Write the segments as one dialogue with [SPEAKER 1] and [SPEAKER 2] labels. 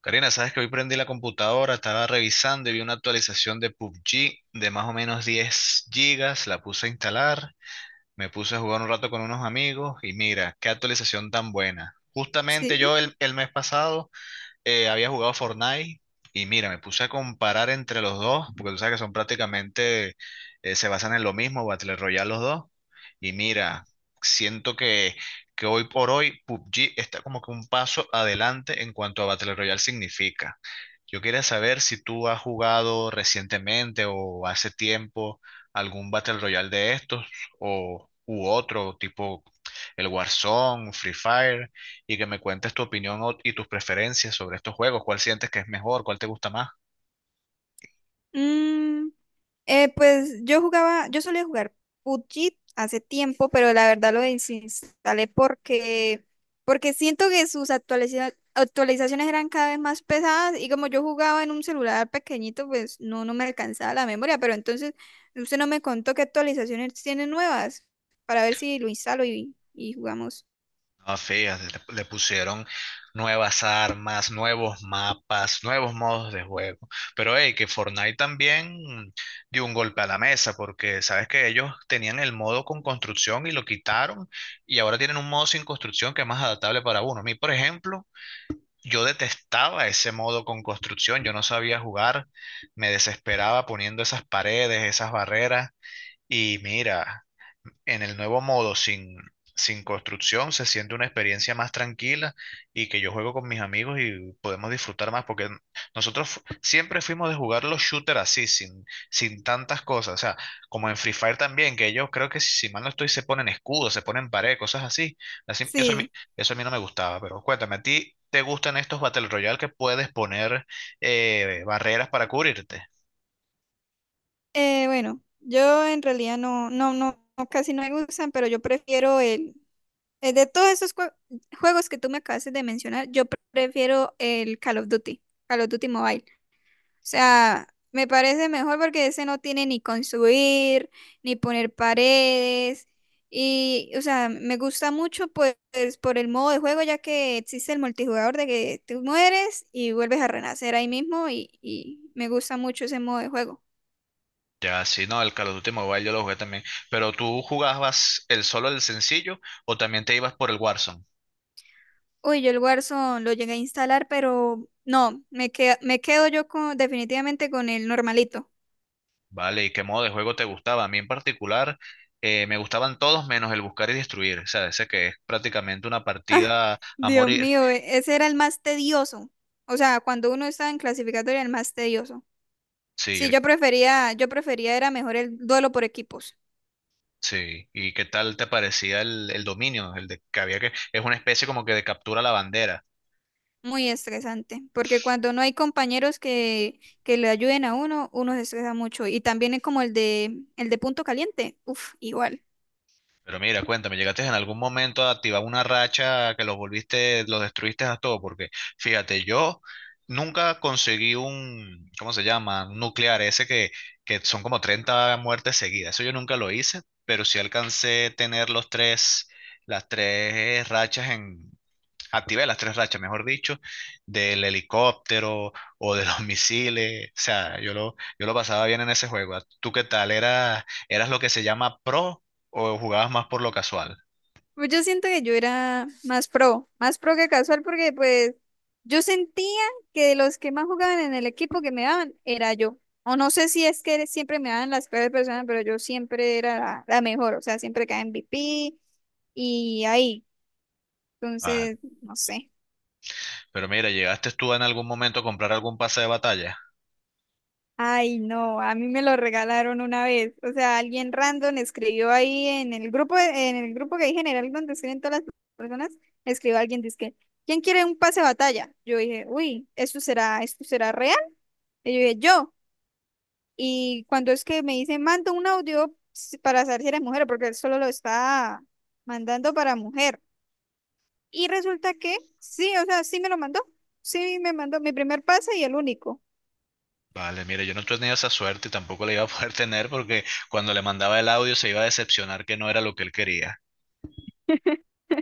[SPEAKER 1] Karina, sabes que hoy prendí la computadora, estaba revisando y vi una actualización de PUBG de más o menos 10 gigas, la puse a instalar, me puse a jugar un rato con unos amigos y mira, qué actualización tan buena.
[SPEAKER 2] Sí.
[SPEAKER 1] Justamente yo el mes pasado había jugado Fortnite y mira, me puse a comparar entre los dos, porque tú sabes que son prácticamente, se basan en lo mismo, Battle Royale los dos. Y mira, siento que hoy por hoy PUBG está como que un paso adelante en cuanto a Battle Royale significa. Yo quería saber si tú has jugado recientemente o hace tiempo algún Battle Royale de estos o u otro tipo el Warzone, Free Fire y que me cuentes tu opinión y tus preferencias sobre estos juegos. ¿Cuál sientes que es mejor? ¿Cuál te gusta más?
[SPEAKER 2] Mm, pues yo jugaba, yo solía jugar PUBG hace tiempo, pero la verdad lo desinstalé porque siento que sus actualizaciones eran cada vez más pesadas y como yo jugaba en un celular pequeñito, pues no, no me alcanzaba la memoria, pero entonces usted no me contó qué actualizaciones tiene nuevas para ver si lo instalo y jugamos.
[SPEAKER 1] Ah, fíjate, le pusieron nuevas armas, nuevos mapas, nuevos modos de juego. Pero hey, que Fortnite también dio un golpe a la mesa, porque sabes que ellos tenían el modo con construcción y lo quitaron, y ahora tienen un modo sin construcción que es más adaptable para uno. A mí, por ejemplo, yo detestaba ese modo con construcción, yo no sabía jugar, me desesperaba poniendo esas paredes, esas barreras. Y mira, en el nuevo modo sin construcción se siente una experiencia más tranquila y que yo juego con mis amigos y podemos disfrutar más porque nosotros siempre fuimos de jugar los shooters así, sin tantas cosas. O sea, como en Free Fire también, que ellos creo que si mal no estoy se ponen escudos, se ponen pared, cosas así. Así- eso a mí,
[SPEAKER 2] Sí,
[SPEAKER 1] eso a mí no me gustaba, pero cuéntame, ¿a ti te gustan estos Battle Royale que puedes poner barreras para cubrirte?
[SPEAKER 2] bueno, yo en realidad no, casi no me gustan, pero yo prefiero el, De todos esos juegos que tú me acabaste de mencionar, yo prefiero el Call of Duty Mobile. O sea, me parece mejor porque ese no tiene ni construir, ni poner paredes. Y, o sea, me gusta mucho pues por el modo de juego, ya que existe el multijugador de que tú mueres y vuelves a renacer ahí mismo y me gusta mucho ese modo de juego.
[SPEAKER 1] Ya, sí, no, el Call of Duty Mobile yo lo jugué también. Pero tú jugabas el solo, el sencillo, o también te ibas por el Warzone,
[SPEAKER 2] Uy, yo el Warzone lo llegué a instalar, pero no, me quedo yo con, definitivamente con el normalito.
[SPEAKER 1] ¿vale? ¿Y qué modo de juego te gustaba? A mí en particular me gustaban todos menos el buscar y destruir. O sea, ese que es prácticamente una
[SPEAKER 2] Ah,
[SPEAKER 1] partida a
[SPEAKER 2] Dios
[SPEAKER 1] morir.
[SPEAKER 2] mío, ese era el más tedioso. O sea, cuando uno estaba en clasificatoria, el más tedioso.
[SPEAKER 1] Sí,
[SPEAKER 2] Sí, yo prefería era mejor el duelo por equipos.
[SPEAKER 1] sí. ¿Y qué tal te parecía el dominio? El de que había que. Es una especie como que de captura la bandera.
[SPEAKER 2] Muy estresante, porque cuando no hay compañeros que le ayuden a uno, uno se estresa mucho. Y también es como el el de punto caliente. Uf, igual.
[SPEAKER 1] Pero mira, cuéntame, ¿llegaste en algún momento a activar una racha que los volviste, los destruiste a todos? Porque fíjate, yo nunca conseguí un, ¿cómo se llama? Un nuclear, ese que son como 30 muertes seguidas. Eso yo nunca lo hice, pero sí alcancé a tener los tres, las tres rachas activé las tres rachas, mejor dicho, del helicóptero o de los misiles. O sea, yo lo pasaba bien en ese juego. ¿Tú qué tal? ¿Eras lo que se llama pro o jugabas más por lo casual?
[SPEAKER 2] Pues yo siento que yo era más pro que casual, porque pues yo sentía que de los que más jugaban en el equipo que me daban era yo. O no sé si es que siempre me daban las peores personas, pero yo siempre era la mejor, o sea, siempre caía M V P y ahí.
[SPEAKER 1] Vale.
[SPEAKER 2] Entonces, no sé.
[SPEAKER 1] Pero mira, ¿llegaste tú en algún momento a comprar algún pase de batalla?
[SPEAKER 2] Ay, no, a mí me lo regalaron una vez. O sea, alguien random escribió ahí en el grupo que hay general donde escriben todas las personas, escribió alguien, dice: ¿quién quiere un pase de batalla? Yo dije, uy, ¿esto será real? Y yo dije, yo. Y cuando es que me dice, manda un audio para saber si eres mujer, porque él solo lo está mandando para mujer. Y resulta que sí, o sea, sí me lo mandó. Sí, me mandó mi primer pase y el único.
[SPEAKER 1] Vale, mira, yo no tenía esa suerte y tampoco la iba a poder tener porque cuando le mandaba el audio se iba a decepcionar que no era lo que él quería.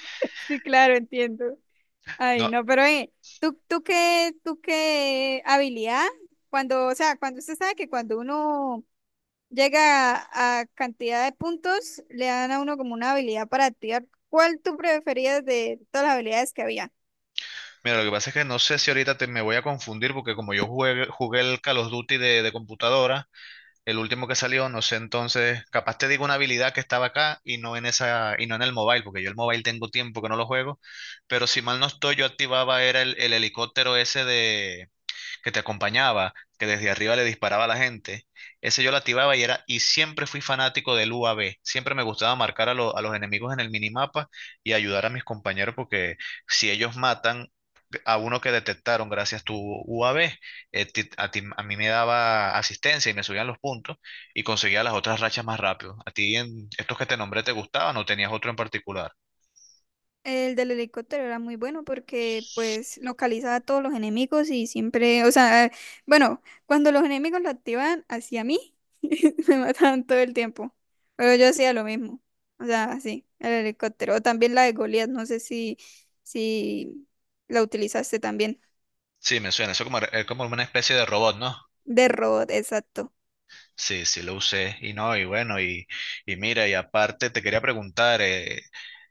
[SPEAKER 2] Sí, claro, entiendo. Ay,
[SPEAKER 1] No,
[SPEAKER 2] no, pero ¿tú qué habilidad? Cuando, o sea, cuando usted sabe que cuando uno llega a cantidad de puntos, le dan a uno como una habilidad para activar. ¿Cuál tú preferías de todas las habilidades que había?
[SPEAKER 1] mira, lo que pasa es que no sé si ahorita te, me voy a confundir porque como yo jugué, jugué el Call of Duty de computadora. El último que salió, no sé, entonces, capaz te digo una habilidad que estaba acá y no en esa, y no en el mobile, porque yo el mobile tengo tiempo que no lo juego, pero si mal no estoy, yo activaba era el helicóptero ese de que te acompañaba, que desde arriba le disparaba a la gente. Ese yo lo activaba y era, y siempre fui fanático del U A V. Siempre me gustaba marcar a, lo- a los enemigos en el minimapa y ayudar a mis compañeros porque si ellos matan, a uno que detectaron gracias a tu UAB, a mí me daba asistencia y me subían los puntos y conseguía las otras rachas más rápido. ¿A ti en estos que te nombré te gustaban o tenías otro en particular?
[SPEAKER 2] El del helicóptero era muy bueno porque pues localizaba a todos los enemigos y siempre, o sea, bueno, cuando los enemigos lo activaban hacia mí, me mataban todo el tiempo. Pero yo hacía lo mismo. O sea, sí, el helicóptero. O también la de Goliath, no sé si la utilizaste también.
[SPEAKER 1] Sí, me suena, eso como, es como una especie de robot, ¿no?
[SPEAKER 2] De robot, exacto.
[SPEAKER 1] Sí, sí, lo usé y no, y bueno, y mira, y aparte te quería preguntar,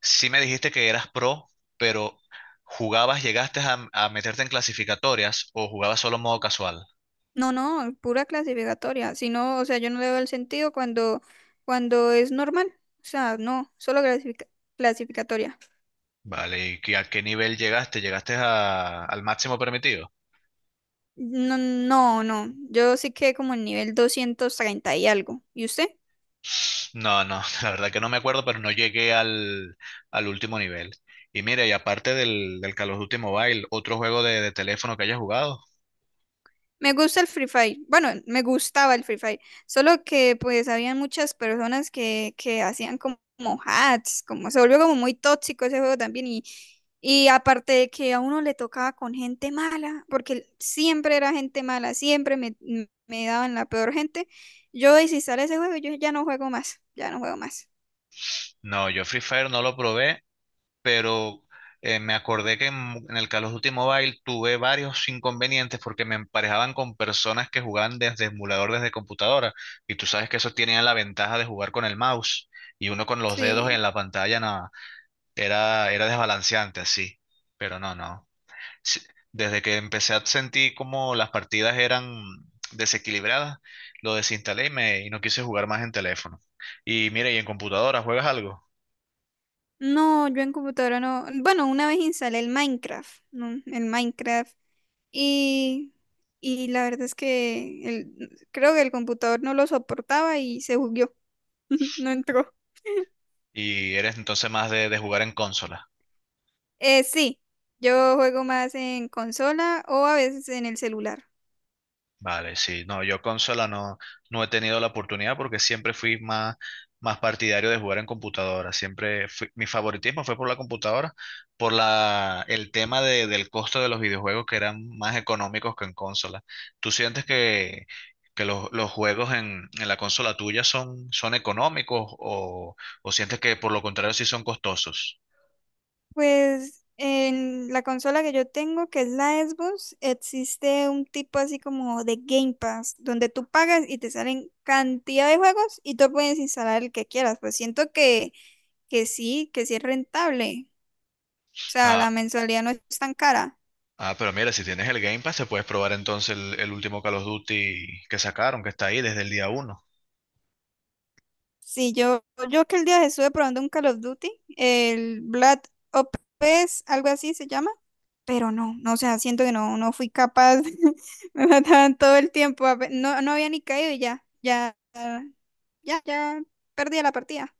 [SPEAKER 1] sí me dijiste que eras pro, pero ¿jugabas, llegaste a meterte en clasificatorias o jugabas solo modo casual?
[SPEAKER 2] No, no, pura clasificatoria. Si no, o sea, yo no le veo el sentido cuando es normal. O sea, no, solo clasificatoria.
[SPEAKER 1] Vale, ¿y a qué nivel llegaste? ¿Llegaste al máximo permitido?
[SPEAKER 2] No, no, no. Yo sí quedé como en nivel 230 y algo. ¿Y usted?
[SPEAKER 1] No, no, la verdad que no me acuerdo, pero no llegué al, al último nivel. Y mira, y aparte del Call of Duty Mobile, ¿otro juego de teléfono que hayas jugado?
[SPEAKER 2] Me gusta el Free Fire. Bueno, me gustaba el Free Fire. Solo que pues había muchas personas que hacían como, como hacks, como se volvió como muy tóxico ese juego también. Y aparte de que a uno le tocaba con gente mala, porque siempre era gente mala, me daban la peor gente. Yo desinstalé ese juego, yo ya no juego más, ya no juego más.
[SPEAKER 1] No, yo Free Fire no lo probé, pero me acordé que en el Call of Duty Mobile tuve varios inconvenientes porque me emparejaban con personas que jugaban desde emulador, desde computadora. Y tú sabes que eso tenía la ventaja de jugar con el mouse y uno con los dedos
[SPEAKER 2] Sí.
[SPEAKER 1] en la pantalla, nada. Era, era desbalanceante así, pero no, no. Sí, desde que empecé a sentir como las partidas eran desequilibradas, lo desinstalé y, me, y no quise jugar más en teléfono. Y mira, ¿y en computadora juegas algo
[SPEAKER 2] No, yo en computadora no. Bueno, una vez instalé el Minecraft, ¿no? El Minecraft. Y, y la verdad es que el, creo que el computador no lo soportaba y se bugueó. No entró.
[SPEAKER 1] y eres entonces más de jugar en consola?
[SPEAKER 2] Sí, yo juego más en consola o a veces en el celular.
[SPEAKER 1] Vale, sí, no, yo consola no, no he tenido la oportunidad porque siempre fui más partidario de jugar en computadora. Siempre mi favoritismo fue por la computadora, el tema del costo de los videojuegos que eran más económicos que en consola. ¿Tú sientes que los juegos en la consola tuya son económicos o sientes que por lo contrario sí son costosos?
[SPEAKER 2] Pues en la consola que yo tengo, que es la Xbox, existe un tipo así como de Game Pass, donde tú pagas y te salen cantidad de juegos y tú puedes instalar el que quieras. Pues siento que sí es rentable. O sea,
[SPEAKER 1] Ah,
[SPEAKER 2] la mensualidad no es tan cara.
[SPEAKER 1] ah, pero mira, si tienes el Game Pass, te puedes probar entonces el último Call of Duty que sacaron, que está ahí desde el día uno.
[SPEAKER 2] Sí, yo, yo que el día estuve probando un Call of Duty, el Black Ops, algo así se llama. Pero no, no, o sea, siento que no, no fui capaz, me mataban todo el tiempo, no, no había ni caído ya perdía la partida.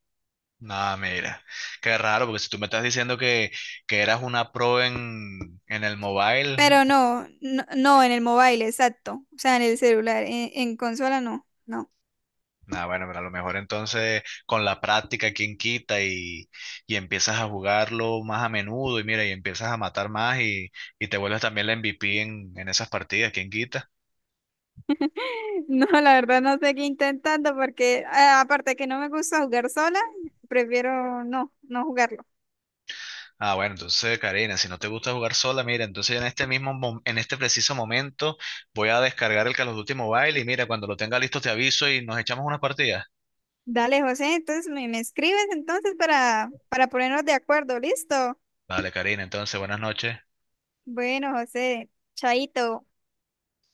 [SPEAKER 1] Nada, mira, qué raro, porque si tú me estás diciendo que eras una pro en el mobile,
[SPEAKER 2] Pero no, no, no, en el mobile, exacto, o sea, en el celular, en consola no, no.
[SPEAKER 1] nada, bueno, pero a lo mejor entonces con la práctica, quien quita y empiezas a jugarlo más a menudo y mira, y, empiezas a matar más y te vuelves también la MVP en esas partidas, quien quita.
[SPEAKER 2] No, la verdad no sé qué intentando porque aparte que no me gusta jugar sola, prefiero no, no jugarlo.
[SPEAKER 1] Ah, bueno, entonces, Karina, si no te gusta jugar sola, mira, entonces en este mismo, en este preciso momento voy a descargar el Call of Duty Mobile y mira, cuando lo tenga listo te aviso y nos echamos unas partidas.
[SPEAKER 2] Dale, José, entonces me escribes entonces para ponernos de acuerdo, ¿listo?
[SPEAKER 1] Vale, Karina, entonces, buenas noches.
[SPEAKER 2] Bueno, José, chaito.